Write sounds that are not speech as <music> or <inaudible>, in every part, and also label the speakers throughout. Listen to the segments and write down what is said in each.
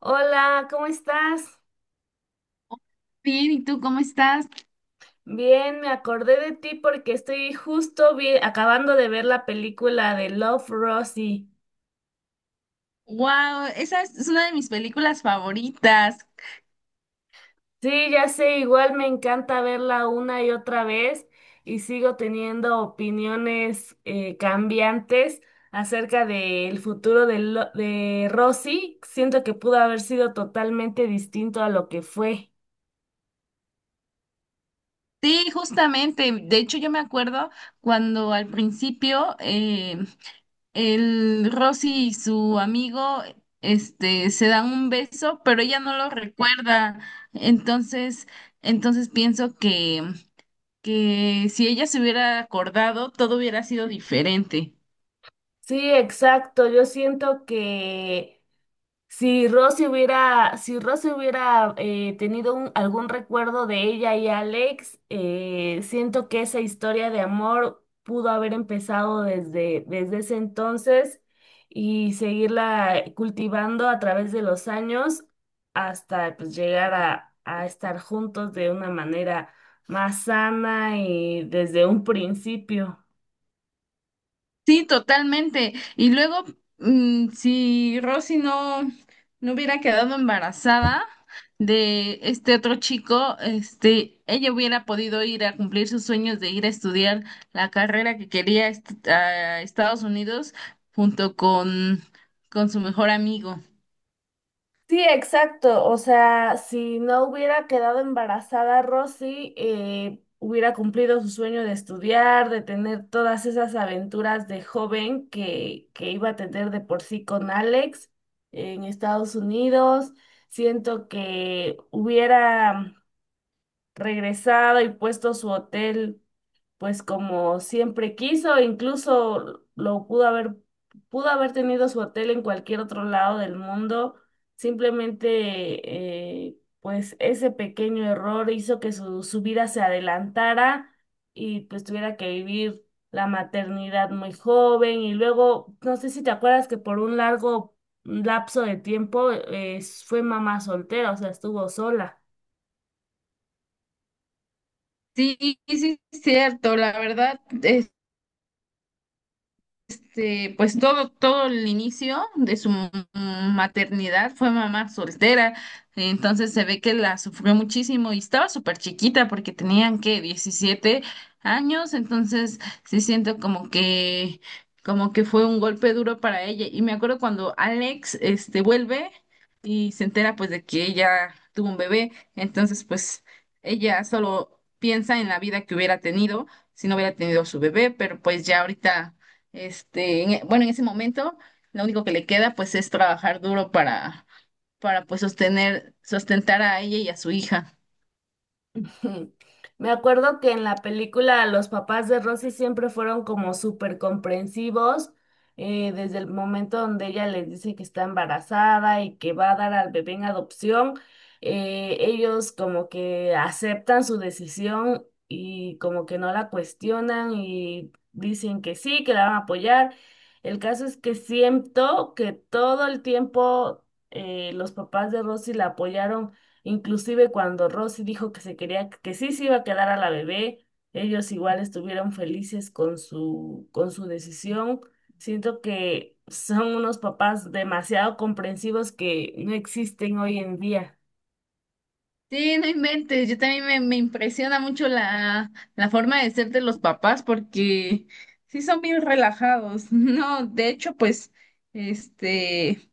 Speaker 1: Hola, ¿cómo estás?
Speaker 2: Bien, ¿y tú cómo estás?
Speaker 1: Bien, me acordé de ti porque estoy justo acabando de ver la película de Love, Rosie.
Speaker 2: Wow, esa es una de mis películas favoritas.
Speaker 1: Sí, ya sé, igual me encanta verla una y otra vez y sigo teniendo opiniones cambiantes acerca del futuro de Rosie. Siento que pudo haber sido totalmente distinto a lo que fue.
Speaker 2: Sí, justamente. De hecho, yo me acuerdo cuando al principio el Rosy y su amigo este, se dan un beso, pero ella no lo recuerda. Entonces, entonces pienso que si ella se hubiera acordado, todo hubiera sido diferente.
Speaker 1: Sí, exacto. Yo siento que si Rosy hubiera tenido algún recuerdo de ella y Alex. Siento que esa historia de amor pudo haber empezado desde ese entonces y seguirla cultivando a través de los años hasta pues, llegar a estar juntos de una manera más sana y desde un principio.
Speaker 2: Sí, totalmente. Y luego, si Rosy no hubiera quedado embarazada de este otro chico, este, ella hubiera podido ir a cumplir sus sueños de ir a estudiar la carrera que a Estados Unidos junto con su mejor amigo.
Speaker 1: Sí, exacto. O sea, si no hubiera quedado embarazada Rosy, hubiera cumplido su sueño de estudiar, de tener todas esas aventuras de joven que iba a tener de por sí con Alex en Estados Unidos. Siento que hubiera regresado y puesto su hotel pues como siempre quiso, incluso lo pudo haber tenido su hotel en cualquier otro lado del mundo. Simplemente, pues ese pequeño error hizo que su vida se adelantara y pues tuviera que vivir la maternidad muy joven. Y luego, no sé si te acuerdas que por un largo lapso de tiempo, fue mamá soltera, o sea, estuvo sola.
Speaker 2: Sí, sí, sí, es cierto, la verdad, este, pues todo el inicio de su maternidad fue mamá soltera, entonces se ve que la sufrió muchísimo y estaba súper chiquita porque tenían que 17 años, entonces sí siento como que, fue un golpe duro para ella. Y me acuerdo cuando Alex, este, vuelve y se entera pues de que ella tuvo un bebé, entonces pues ella solo piensa en la vida que hubiera tenido si no hubiera tenido su bebé, pero pues ya ahorita este, bueno, en ese momento lo único que le queda pues es trabajar duro para pues sostener, sustentar a ella y a su hija.
Speaker 1: <laughs> Ujú. Me acuerdo que en la película los papás de Rosy siempre fueron como súper comprensivos, desde el momento donde ella les dice que está embarazada y que va a dar al bebé en adopción. Ellos como que aceptan su decisión y como que no la cuestionan y dicen que sí, que la van a apoyar. El caso es que siento que todo el tiempo, los papás de Rosy la apoyaron. Inclusive cuando Rosy dijo que se que sí se iba a quedar a la bebé, ellos igual estuvieron felices con con su decisión. Siento que son unos papás demasiado comprensivos que no existen hoy en día.
Speaker 2: Sí, no inventes, yo también me impresiona mucho la forma de ser de los papás porque sí son bien relajados. <laughs> No, de hecho, pues, este,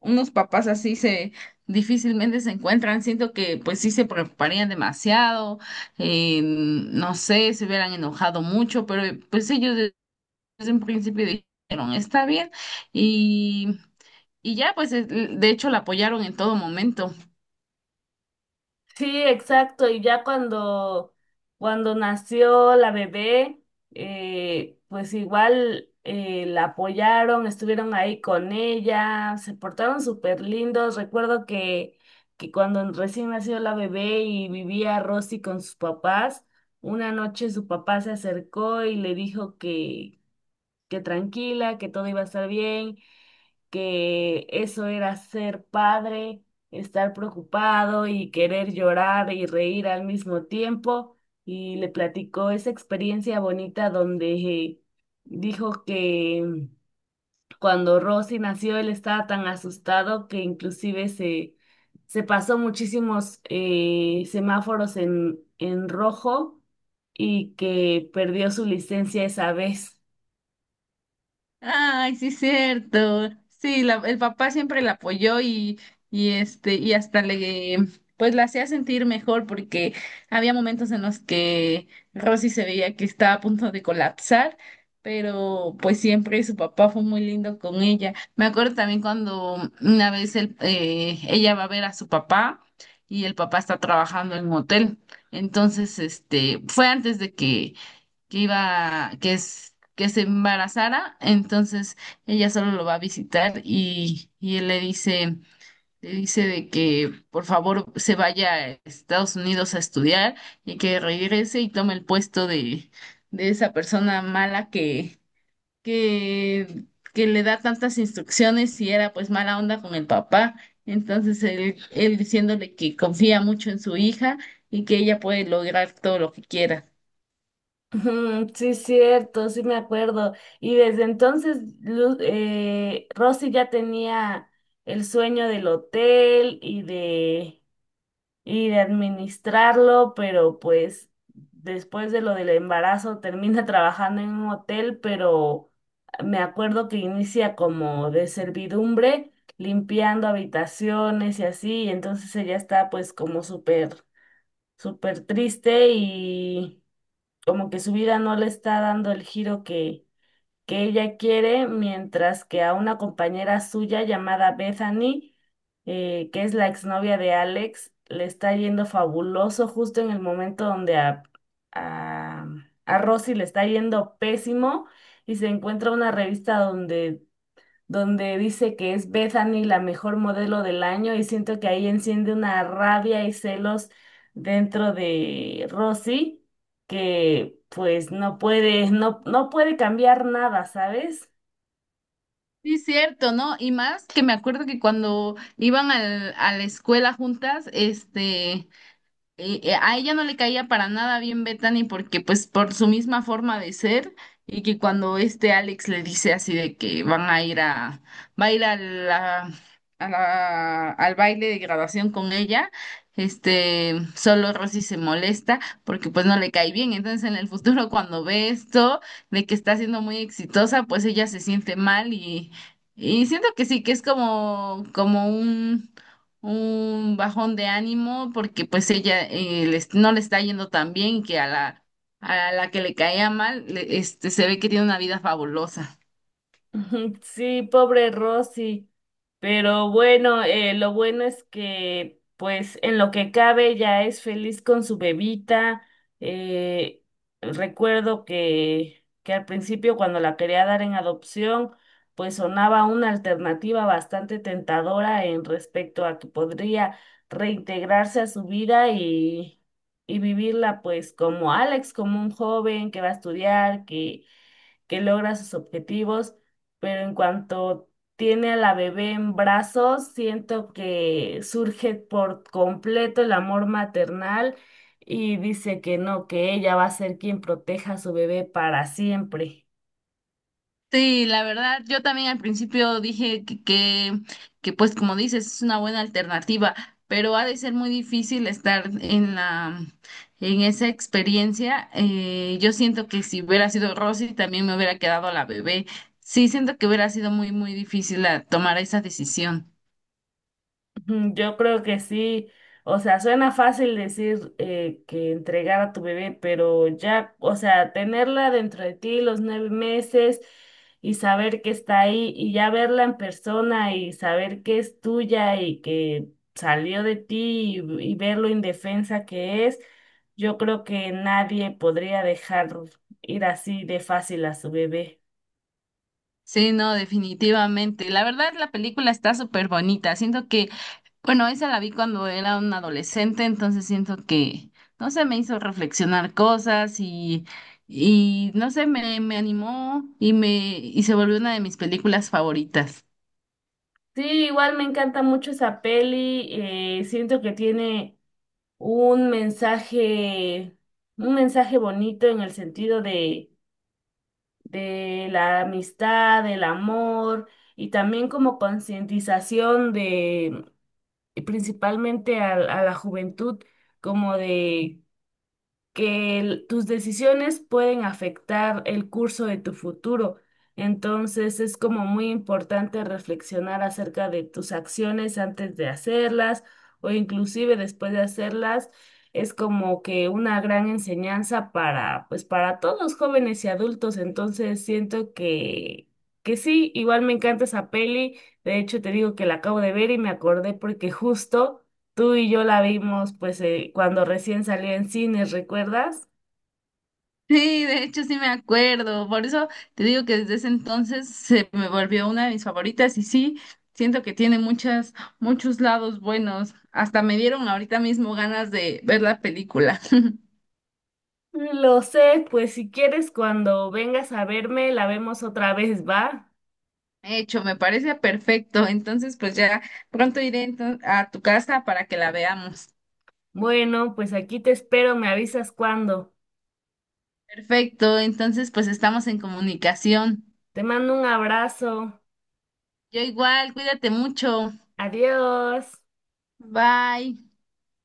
Speaker 2: unos papás así se difícilmente se encuentran. Siento que pues sí se preocuparían demasiado, no sé, se hubieran enojado mucho, pero pues ellos desde un principio dijeron, está bien, y, y ya, pues, de hecho, la apoyaron en todo momento.
Speaker 1: Sí, exacto. Y ya cuando nació la bebé, pues igual la apoyaron, estuvieron ahí con ella, se portaron súper lindos. Recuerdo que cuando recién nació la bebé y vivía Rosy con sus papás, una noche su papá se acercó y le dijo que tranquila, que todo iba a estar bien, que eso era ser padre, estar preocupado y querer llorar y reír al mismo tiempo. Y le platicó esa experiencia bonita donde dijo que cuando Rosy nació él estaba tan asustado que se pasó muchísimos semáforos en rojo y que perdió su licencia esa vez.
Speaker 2: Ay, sí, cierto. Sí, el papá siempre la apoyó y este, y hasta le, pues la hacía sentir mejor porque había momentos en los que Rosy se veía que estaba a punto de colapsar, pero pues siempre su papá fue muy lindo con ella. Me acuerdo también cuando una vez ella va a ver a su papá y el papá está trabajando en un hotel. Entonces, este, fue antes de que iba, que es, que se embarazara, entonces ella solo lo va a visitar y él le dice de que por favor se vaya a Estados Unidos a estudiar y que regrese y tome el puesto de esa persona mala que, que le da tantas instrucciones y era pues mala onda con el papá. Entonces él diciéndole que confía mucho en su hija y que ella puede lograr todo lo que quiera.
Speaker 1: Ujú. Sí, cierto, sí me acuerdo. Y desde entonces Rosy ya tenía el sueño del hotel y y de administrarlo, pero pues después de lo del embarazo termina <laughs> trabajando en un hotel, pero me acuerdo que inicia como de servidumbre, limpiando habitaciones y así, y entonces ella está pues como súper triste y como que su vida no le está dando el giro que ella quiere, mientras que a una compañera suya llamada Bethany, que es la exnovia de Alex, le está yendo fabuloso justo en el momento donde a, a Rosy le está yendo pésimo y se encuentra una revista donde dice que es Bethany la mejor modelo del año, y siento que ahí enciende una rabia y celos dentro de Rosy que pues no puede, no puede cambiar nada, ¿sabes?
Speaker 2: Sí, cierto, ¿no? Y más que me acuerdo que cuando iban a la escuela juntas, este, a ella no le caía para nada bien Bethany porque pues por su misma forma de ser y que cuando este Alex le dice así de que van a ir a, va a ir a la- al baile de graduación con ella, este, solo Rosy se molesta porque pues no le cae bien. Entonces en el futuro cuando ve esto de que está siendo muy exitosa, pues ella se siente mal y siento que sí, que es como, como un bajón de ánimo porque pues ella no le está yendo tan bien y que a a la que le caía mal, este, se ve que tiene una vida fabulosa.
Speaker 1: <laughs> Ujú. Sí, pobre Rosy. Pero bueno, lo bueno es que, pues, en lo que cabe, ya es feliz con su bebita. Eh, Recuerdo que al principio, cuando la quería dar en adopción, pues sonaba una alternativa bastante tentadora en respecto a que podría reintegrarse a su vida y vivirla, pues, como Alex, como un joven que va a estudiar, que logra sus objetivos, pero en cuanto tiene a la bebé en brazos, siento que surge por completo el amor maternal y dice que no, que ella va a ser quien proteja a su bebé para siempre.
Speaker 2: Sí, la verdad, yo también al principio dije pues como dices, es una buena alternativa, pero ha de ser muy difícil estar en en esa experiencia. Yo siento que si hubiera sido Rosy, también me hubiera quedado la bebé. Sí, siento que hubiera sido muy, muy difícil tomar esa decisión.
Speaker 1: Mm. Yo creo que sí. O sea, suena fácil decir que entregar a tu bebé, pero ya, o sea, tenerla dentro de ti los 9 meses y saber que está ahí y ya verla en persona y saber que es tuya y que salió de ti y ver lo indefensa que es, yo creo que nadie podría dejar ir así de fácil a su bebé.
Speaker 2: Sí, no, definitivamente. La verdad, la película está súper bonita. Siento que, bueno, esa la vi cuando era un adolescente, entonces siento que, no sé, me hizo reflexionar cosas y no sé, me animó y me, y se volvió una de mis películas favoritas.
Speaker 1: Sí, igual me encanta mucho esa peli, siento que tiene un mensaje, un mensaje bonito en el sentido de la amistad, del amor y también como concientización y principalmente a la juventud, como de que tus decisiones pueden afectar el curso de tu futuro. Entonces es como muy importante reflexionar acerca de tus acciones antes de hacerlas o inclusive después de hacerlas. Es como que una gran enseñanza para, pues para todos jóvenes y adultos. Entonces siento que sí, igual me encanta esa peli. De hecho, te digo que la acabo de ver y me acordé porque justo tú y yo la vimos pues cuando recién salió en cines, ¿recuerdas?
Speaker 2: Sí, de hecho sí me acuerdo. Por eso te digo que desde ese entonces se me volvió una de mis favoritas y sí, siento que tiene muchas, muchos lados buenos. Hasta me dieron ahorita mismo ganas de ver la película. <laughs>
Speaker 1: Lo sé, pues si quieres cuando vengas a verme la vemos otra vez, ¿va?
Speaker 2: Hecho, me parece perfecto. Entonces, pues ya pronto iré a tu casa para que la veamos.
Speaker 1: Bueno, pues aquí te espero, me avisas cuando.
Speaker 2: Perfecto, entonces pues estamos en comunicación.
Speaker 1: Te mando un abrazo.
Speaker 2: Yo igual, cuídate mucho.
Speaker 1: Adiós.
Speaker 2: Bye.